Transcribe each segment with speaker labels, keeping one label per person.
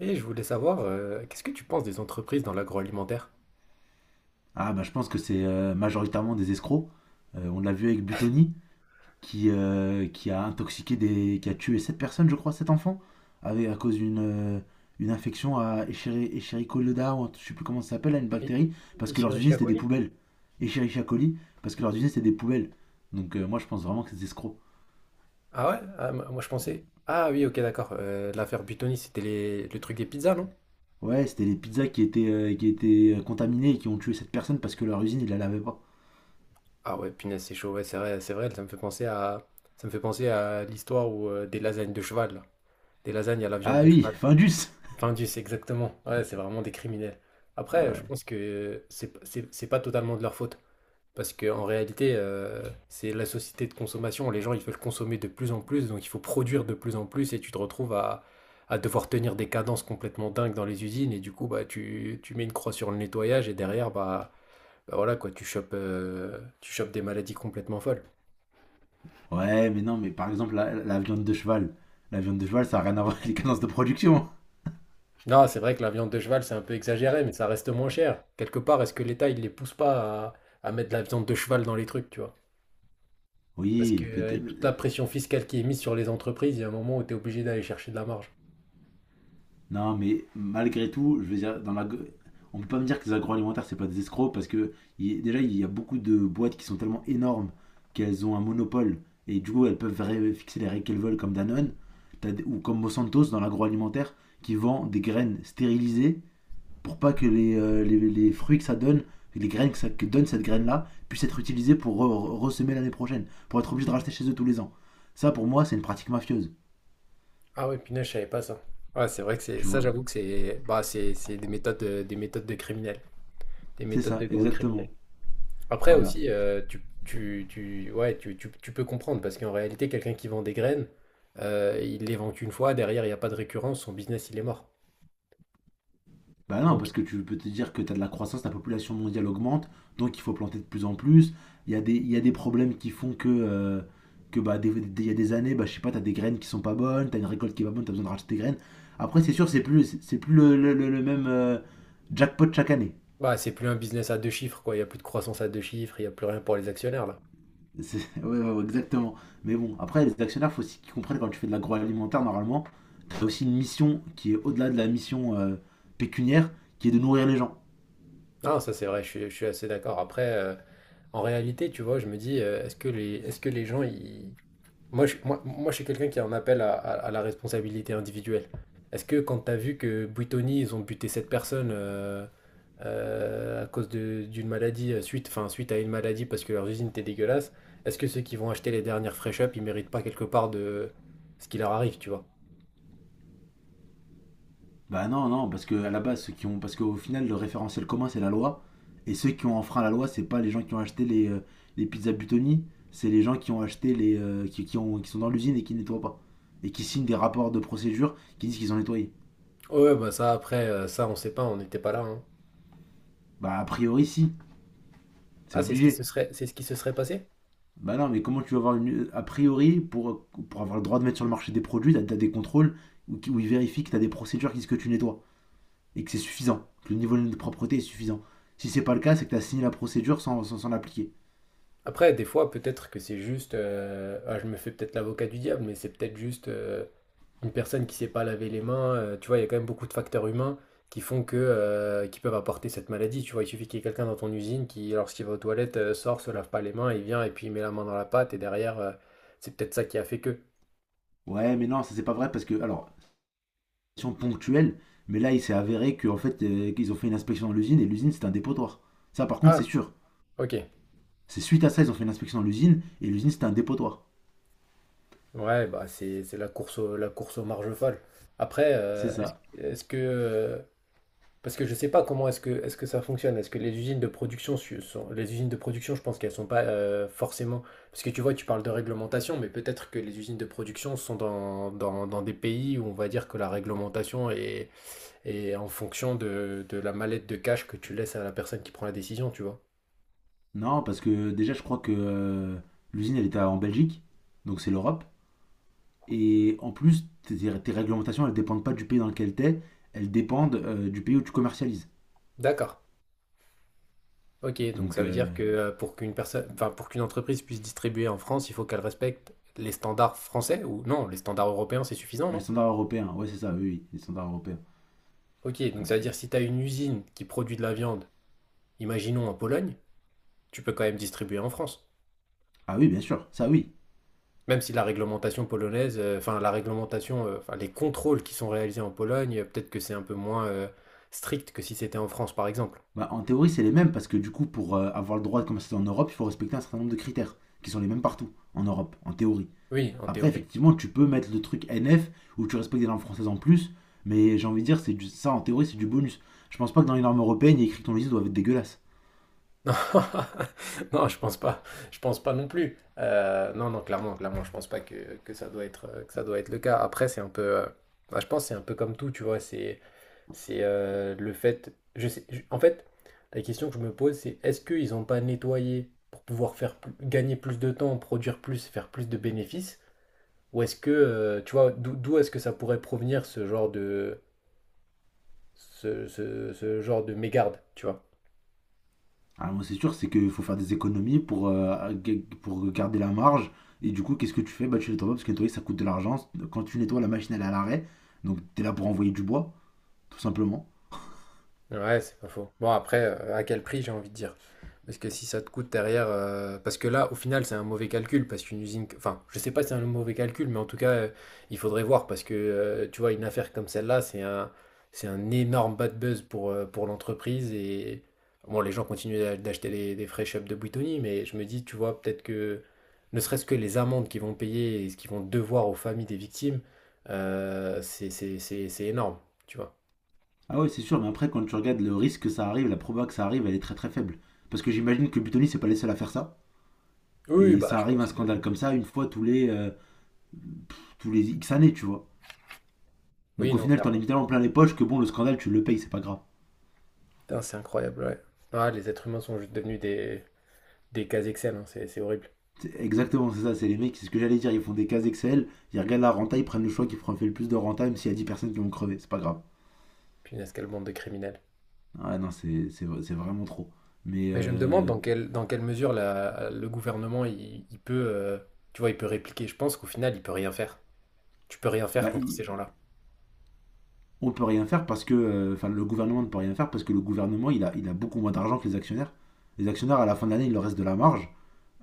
Speaker 1: Et je voulais savoir, qu'est-ce que tu penses des entreprises dans l'agroalimentaire?
Speaker 2: Ah bah je pense que c'est majoritairement des escrocs. On l'a vu avec Butoni qui a intoxiqué des. Qui a tué sept personnes, je crois, sept enfants, avec, à cause d'une une infection à Escherichia ou je sais plus comment ça s'appelle, là, une
Speaker 1: I-
Speaker 2: bactérie, parce que
Speaker 1: Ici
Speaker 2: leurs usines
Speaker 1: à
Speaker 2: c'était des
Speaker 1: Coli?
Speaker 2: poubelles. Escherichia coli, parce que leurs usines c'était des poubelles. Donc moi je pense vraiment que c'est des escrocs.
Speaker 1: Ah ouais? Ah, moi moi, je pensais. Ah oui, ok, d'accord. L'affaire Buitoni, c'était le truc des pizzas, non?
Speaker 2: Ouais, c'était les pizzas qui étaient contaminées et qui ont tué cette personne parce que leur usine ils la lavaient pas.
Speaker 1: Ah ouais, punaise, c'est chaud, ouais, c'est vrai, ça me fait penser à l'histoire où, des lasagnes de cheval, là. Des lasagnes à la viande
Speaker 2: Ah
Speaker 1: de
Speaker 2: oui,
Speaker 1: cheval.
Speaker 2: Findus!
Speaker 1: Enfin, c'est exactement. Ouais, c'est vraiment des criminels. Après, je
Speaker 2: Ouais,
Speaker 1: pense que c'est pas totalement de leur faute. Parce qu'en réalité, c'est la société de consommation. Les gens, ils veulent consommer de plus en plus, donc il faut produire de plus en plus, et tu te retrouves à devoir tenir des cadences complètement dingues dans les usines, et du coup, bah, tu mets une croix sur le nettoyage, et derrière, bah, bah voilà, quoi, tu chopes des maladies complètement folles.
Speaker 2: ouais, mais non, mais par exemple, la viande de cheval. La viande de cheval, ça n'a rien à voir avec les cadences de production.
Speaker 1: Non, c'est vrai que la viande de cheval, c'est un peu exagéré, mais ça reste moins cher. Quelque part, est-ce que l'État, il les pousse pas à, à mettre de la viande de cheval dans les trucs, tu vois? Parce
Speaker 2: Oui, peut-être.
Speaker 1: qu'avec toute la pression fiscale qui est mise sur les entreprises, il y a un moment où tu es obligé d'aller chercher de la marge.
Speaker 2: Non, mais malgré tout, je veux dire, dans la... on peut pas me dire que les agroalimentaires, c'est pas des escrocs, parce que déjà, il y a beaucoup de boîtes qui sont tellement énormes qu'elles ont un monopole, et du coup, elles peuvent fixer les règles qu'elles veulent, comme Danone, ou comme Monsanto dans l'agroalimentaire, qui vend des graines stérilisées pour pas que les fruits que ça donne, les graines que, ça, que donne cette graine-là, puissent être utilisées pour ressemer l'année prochaine, pour être obligé de racheter chez eux tous les ans. Ça, pour moi, c'est une pratique mafieuse,
Speaker 1: Ah oui, punaise, je savais pas ça. Ouais, c'est vrai que c'est
Speaker 2: tu
Speaker 1: ça,
Speaker 2: vois.
Speaker 1: j'avoue que c'est bah, c'est des méthodes de criminels, des
Speaker 2: C'est
Speaker 1: méthodes de
Speaker 2: ça,
Speaker 1: grands
Speaker 2: exactement.
Speaker 1: criminels. Après
Speaker 2: Voilà.
Speaker 1: aussi, ouais, tu peux comprendre parce qu'en réalité, quelqu'un qui vend des graines, il les vend qu'une fois, derrière, il n'y a pas de récurrence, son business, il est mort.
Speaker 2: Bah non,
Speaker 1: Donc,
Speaker 2: parce que tu peux te dire que tu as de la croissance, la population mondiale augmente, donc il faut planter de plus en plus. Il y a il y a des problèmes qui font que bah, il y a des années, bah, je sais pas, t'as des graines qui sont pas bonnes, t'as une récolte qui est pas bonne, t'as besoin de racheter des graines. Après, c'est sûr, c'est plus le même jackpot chaque année.
Speaker 1: bah, c'est plus un business à deux chiffres, quoi. Il n'y a plus de croissance à deux chiffres, il n'y a plus rien pour les actionnaires, là.
Speaker 2: Ouais, ouais, ouais, exactement. Mais bon, après, les actionnaires, faut aussi qu'ils comprennent quand tu fais de l'agroalimentaire, normalement, t'as aussi une mission qui est au-delà de la mission pécuniaire, qui est de nourrir les gens.
Speaker 1: Non, ça, c'est vrai, je suis assez d'accord. Après, en réalité, tu vois, je me dis, est-ce que les gens, ils... moi, je suis quelqu'un qui en appelle à, à la responsabilité individuelle. Est-ce que quand tu as vu que Buitoni, ils ont buté cette personne à cause d'une maladie, suite, enfin, suite à une maladie parce que leurs usines étaient dégueulasses, est-ce que ceux qui vont acheter les dernières fresh up, ils méritent pas quelque part de ce qui leur arrive, tu vois?
Speaker 2: Bah non, non, parce que à la base, parce qu'au final, le référentiel commun, c'est la loi, et ceux qui ont enfreint la loi, c'est pas les gens qui ont acheté les pizzas Butoni, c'est les gens qui ont acheté les, qui ont, qui sont dans l'usine et qui nettoient pas, et qui signent des rapports de procédure qui disent qu'ils ont nettoyé.
Speaker 1: Ouais, bah ça, après, ça, on sait pas, on n'était pas là, hein.
Speaker 2: Bah a priori, si, c'est
Speaker 1: Ah,
Speaker 2: obligé.
Speaker 1: c'est ce qui se serait passé?
Speaker 2: Bah non, mais comment tu vas avoir une... A priori, pour avoir le droit de mettre sur le marché des produits, t'as des contrôles où ils vérifient que t'as des procédures qui disent que tu nettoies et que c'est suffisant, que le niveau de propreté est suffisant. Si c'est pas le cas, c'est que t'as signé la procédure sans s'en appliquer.
Speaker 1: Après, des fois, peut-être que c'est juste. Ah, je me fais peut-être l'avocat du diable, mais c'est peut-être juste. Une personne qui sait pas laver les mains, tu vois, il y a quand même beaucoup de facteurs humains qui font que, qui peuvent apporter cette maladie. Tu vois, il suffit qu'il y ait quelqu'un dans ton usine qui, lorsqu'il va aux toilettes, sort, se lave pas les mains, il vient et puis il met la main dans la pâte et derrière, c'est peut-être ça qui a fait que.
Speaker 2: Ouais, mais non, ça c'est pas vrai parce que, alors, question ponctuelle, mais là il s'est avéré qu'en fait, qu'ils ont fait une inspection dans l'usine et l'usine c'est un dépotoir. Ça par contre, c'est
Speaker 1: Ah,
Speaker 2: sûr.
Speaker 1: ok.
Speaker 2: C'est suite à ça, ils ont fait une inspection dans l'usine et l'usine c'était un dépotoir.
Speaker 1: Ouais, bah c'est la course au, la course aux marges folles. Après,
Speaker 2: C'est ça.
Speaker 1: parce que je ne sais pas comment est-ce que ça fonctionne. Est-ce que les usines de production sont, les usines de production, je pense qu'elles sont pas forcément. Parce que tu vois, tu parles de réglementation, mais peut-être que les usines de production sont dans des pays où on va dire que la réglementation est, est en fonction de la mallette de cash que tu laisses à la personne qui prend la décision, tu vois.
Speaker 2: Non, parce que déjà, je crois que l'usine elle était en Belgique, donc c'est l'Europe. Et en plus, tes réglementations, elles ne dépendent pas du pays dans lequel tu es, elles dépendent du pays où tu commercialises.
Speaker 1: D'accord. Ok, donc
Speaker 2: Donc,
Speaker 1: ça veut dire que pour qu'une personne, enfin pour qu'une entreprise puisse distribuer en France, il faut qu'elle respecte les standards français ou non, les standards européens, c'est suffisant,
Speaker 2: les
Speaker 1: non?
Speaker 2: standards européens, ouais, c'est ça, oui, oui, les standards européens.
Speaker 1: Ok, donc
Speaker 2: Mm.
Speaker 1: ça veut dire si tu as une usine qui produit de la viande imaginons en Pologne, tu peux quand même distribuer en France.
Speaker 2: Ah oui, bien sûr, ça oui.
Speaker 1: Même si la réglementation polonaise, enfin la réglementation, enfin les contrôles qui sont réalisés en Pologne, peut-être que c'est un peu moins strict que si c'était en France, par exemple.
Speaker 2: Bah, en théorie, c'est les mêmes parce que du coup, pour avoir le droit de commercialiser en Europe, il faut respecter un certain nombre de critères qui sont les mêmes partout en Europe, en théorie.
Speaker 1: Oui, en
Speaker 2: Après,
Speaker 1: théorie.
Speaker 2: effectivement, tu peux mettre le truc NF où tu respectes des normes françaises en plus, mais j'ai envie de dire, c'est ça en théorie, c'est du bonus. Je pense pas que dans les normes européennes, il y ait écrit que ton logiciel doit être dégueulasse.
Speaker 1: Non, non, je pense pas. Je pense pas non plus. Non, non, clairement, clairement, je pense pas que, que ça doit être, que ça doit être le cas. Après, c'est un peu, bah, je pense que c'est un peu comme tout, tu vois. C'est... le fait. Je sais, en fait, la question que je me pose, c'est est-ce qu'ils n'ont pas nettoyé pour pouvoir gagner plus de temps, produire plus, faire plus de bénéfices? Ou est-ce que, tu vois, d'où est-ce que ça pourrait provenir ce genre de, ce genre de mégarde, tu vois?
Speaker 2: Ah, moi, c'est sûr, c'est qu'il faut faire des économies pour, pour garder la marge. Et du coup, qu'est-ce que tu fais? Bah, tu nettoies pas parce que nettoyer, ça coûte de l'argent. Quand tu nettoies, la machine, elle est à l'arrêt. Donc, t'es là pour envoyer du bois, tout simplement.
Speaker 1: Ouais, c'est pas faux. Bon, après, à quel prix, j'ai envie de dire. Parce que si ça te coûte derrière. Parce que là, au final, c'est un mauvais calcul. Parce qu'une usine. Enfin, je sais pas si c'est un mauvais calcul, mais en tout cas, il faudrait voir. Parce que, tu vois, une affaire comme celle-là, c'est un énorme bad buzz pour l'entreprise. Et. Bon, les gens continuent d'acheter des fresh ups de Buitoni, mais je me dis, tu vois, peut-être que. Ne serait-ce que les amendes qu'ils vont payer et ce qu'ils vont devoir aux familles des victimes, c'est énorme, tu vois.
Speaker 2: Ah ouais, c'est sûr, mais après, quand tu regardes le risque que ça arrive, la proba que ça arrive, elle est très très faible. Parce que j'imagine que Butoni, c'est pas les seuls à faire ça.
Speaker 1: Oui,
Speaker 2: Et
Speaker 1: bah,
Speaker 2: ça
Speaker 1: je
Speaker 2: arrive un
Speaker 1: pense.
Speaker 2: scandale comme ça une fois tous les X années, tu vois.
Speaker 1: Oui,
Speaker 2: Donc, au
Speaker 1: non,
Speaker 2: final, t'en es
Speaker 1: clairement.
Speaker 2: tellement plein les poches que bon, le scandale, tu le payes, c'est pas grave.
Speaker 1: Putain, c'est incroyable, ouais. Ah, les êtres humains sont juste devenus des cases Excel, hein, c'est horrible.
Speaker 2: Exactement, c'est ça, c'est les mecs, c'est ce que j'allais dire, ils font des cases Excel, ils regardent la renta, ils prennent le choix qui fait le plus de renta, même s'il y a 10 personnes qui vont crever, c'est pas grave.
Speaker 1: Punaise, quelle bande de criminels.
Speaker 2: Ah ouais, non, c'est vraiment trop. Mais
Speaker 1: Mais je me demande dans quelle mesure le gouvernement, il peut, tu vois, il peut répliquer. Je pense qu'au final, il peut rien faire. Tu peux rien faire
Speaker 2: bah,
Speaker 1: contre
Speaker 2: il-
Speaker 1: ces gens-là.
Speaker 2: on peut rien faire parce que, enfin le gouvernement ne peut rien faire parce que le gouvernement, il a beaucoup moins d'argent que les actionnaires. Les actionnaires, à la fin de l'année, il leur reste de la marge,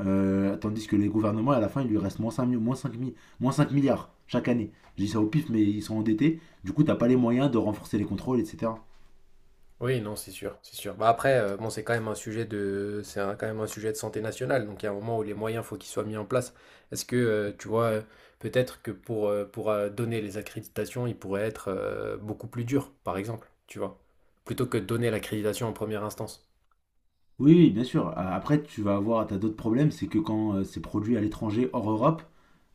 Speaker 2: tandis que les gouvernements, à la fin, il lui reste moins 5 milliards chaque année. Je dis ça au pif, mais ils sont endettés, du coup, t'as pas les moyens de renforcer les contrôles, etc.
Speaker 1: Oui, non, c'est sûr, c'est sûr. Bah après, bon, c'est quand même un sujet de, quand même un sujet de santé nationale. Donc, il y a un moment où les moyens, faut qu'ils soient mis en place. Est-ce que, peut-être que pour, donner les accréditations, il pourrait être beaucoup plus dur, par exemple, tu vois, plutôt que de donner l'accréditation en première instance.
Speaker 2: Oui, oui, bien sûr. Après, tu vas avoir, t'as d'autres problèmes, c'est que quand c'est produit à l'étranger, hors Europe,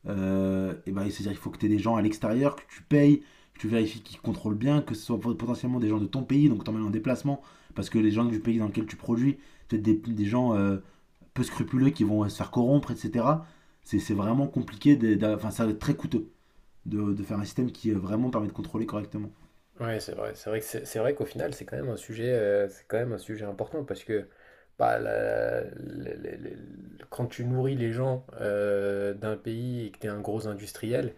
Speaker 2: eh ben, c'est-à-dire qu'il faut que tu aies des gens à l'extérieur, que tu payes, que tu vérifies qu'ils contrôlent bien, que ce soit potentiellement des gens de ton pays, donc t'emmènes en déplacement, parce que les gens du pays dans lequel tu produis, peut-être des gens peu scrupuleux qui vont se faire corrompre, etc. C'est vraiment compliqué, enfin, ça va être très coûteux de faire un système qui vraiment permet de contrôler correctement.
Speaker 1: Ouais, c'est vrai. C'est vrai que c'est vrai qu'au final, c'est quand même un sujet, c'est quand même un sujet important parce que bah, quand tu nourris les gens d'un pays et que tu es un gros industriel.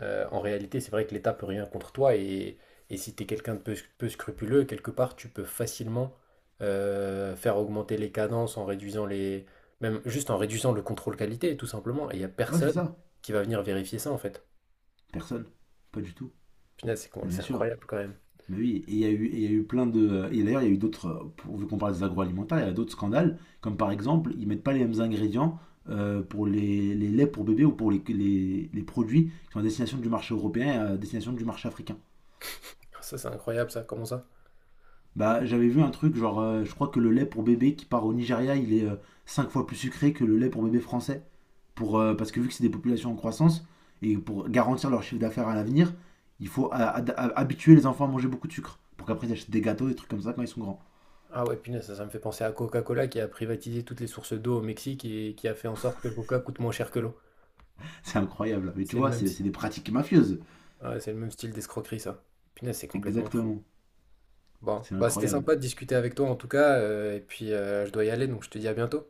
Speaker 1: En réalité, c'est vrai que l'État peut rien contre toi et si tu es quelqu'un de peu, peu scrupuleux, quelque part, tu peux facilement faire augmenter les cadences en réduisant les... même juste en réduisant le contrôle qualité, tout simplement. Et il n'y a
Speaker 2: Ouais, c'est
Speaker 1: personne
Speaker 2: ça.
Speaker 1: qui va venir vérifier ça, en fait.
Speaker 2: Personne. Pas du tout.
Speaker 1: Punaise,
Speaker 2: Mais bien
Speaker 1: c'est
Speaker 2: sûr.
Speaker 1: incroyable quand même.
Speaker 2: Mais oui, et il y a eu plein de. Et d'ailleurs, il y a eu d'autres. Vu qu'on parle des agroalimentaires, il y a d'autres scandales. Comme par exemple, ils mettent pas les mêmes ingrédients pour les laits pour bébés ou pour les, les produits qui sont à destination du marché européen et à destination du marché africain.
Speaker 1: Ça, c'est incroyable, ça. Comment ça?
Speaker 2: Bah, j'avais vu un truc, genre, je crois que le lait pour bébé qui part au Nigeria, il est 5 fois plus sucré que le lait pour bébé français. Pour, parce que vu que c'est des populations en croissance, et pour garantir leur chiffre d'affaires à l'avenir, il faut habituer les enfants à manger beaucoup de sucre. Pour qu'après ils achètent des gâteaux, des trucs comme ça quand ils sont grands.
Speaker 1: Ah ouais, punaise, ça me fait penser à Coca-Cola qui a privatisé toutes les sources d'eau au Mexique et qui a fait en sorte que le coca coûte moins cher que l'eau.
Speaker 2: C'est incroyable. Mais tu
Speaker 1: C'est le
Speaker 2: vois,
Speaker 1: même, si-
Speaker 2: c'est des pratiques mafieuses.
Speaker 1: Ah ouais, c'est le même style d'escroquerie, ça. Punaise, c'est complètement fou.
Speaker 2: Exactement.
Speaker 1: Bon,
Speaker 2: C'est
Speaker 1: bah c'était
Speaker 2: incroyable.
Speaker 1: sympa de discuter avec toi en tout cas, et puis je dois y aller, donc je te dis à bientôt.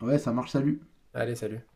Speaker 2: Ouais, ça marche, salut.
Speaker 1: Allez, salut.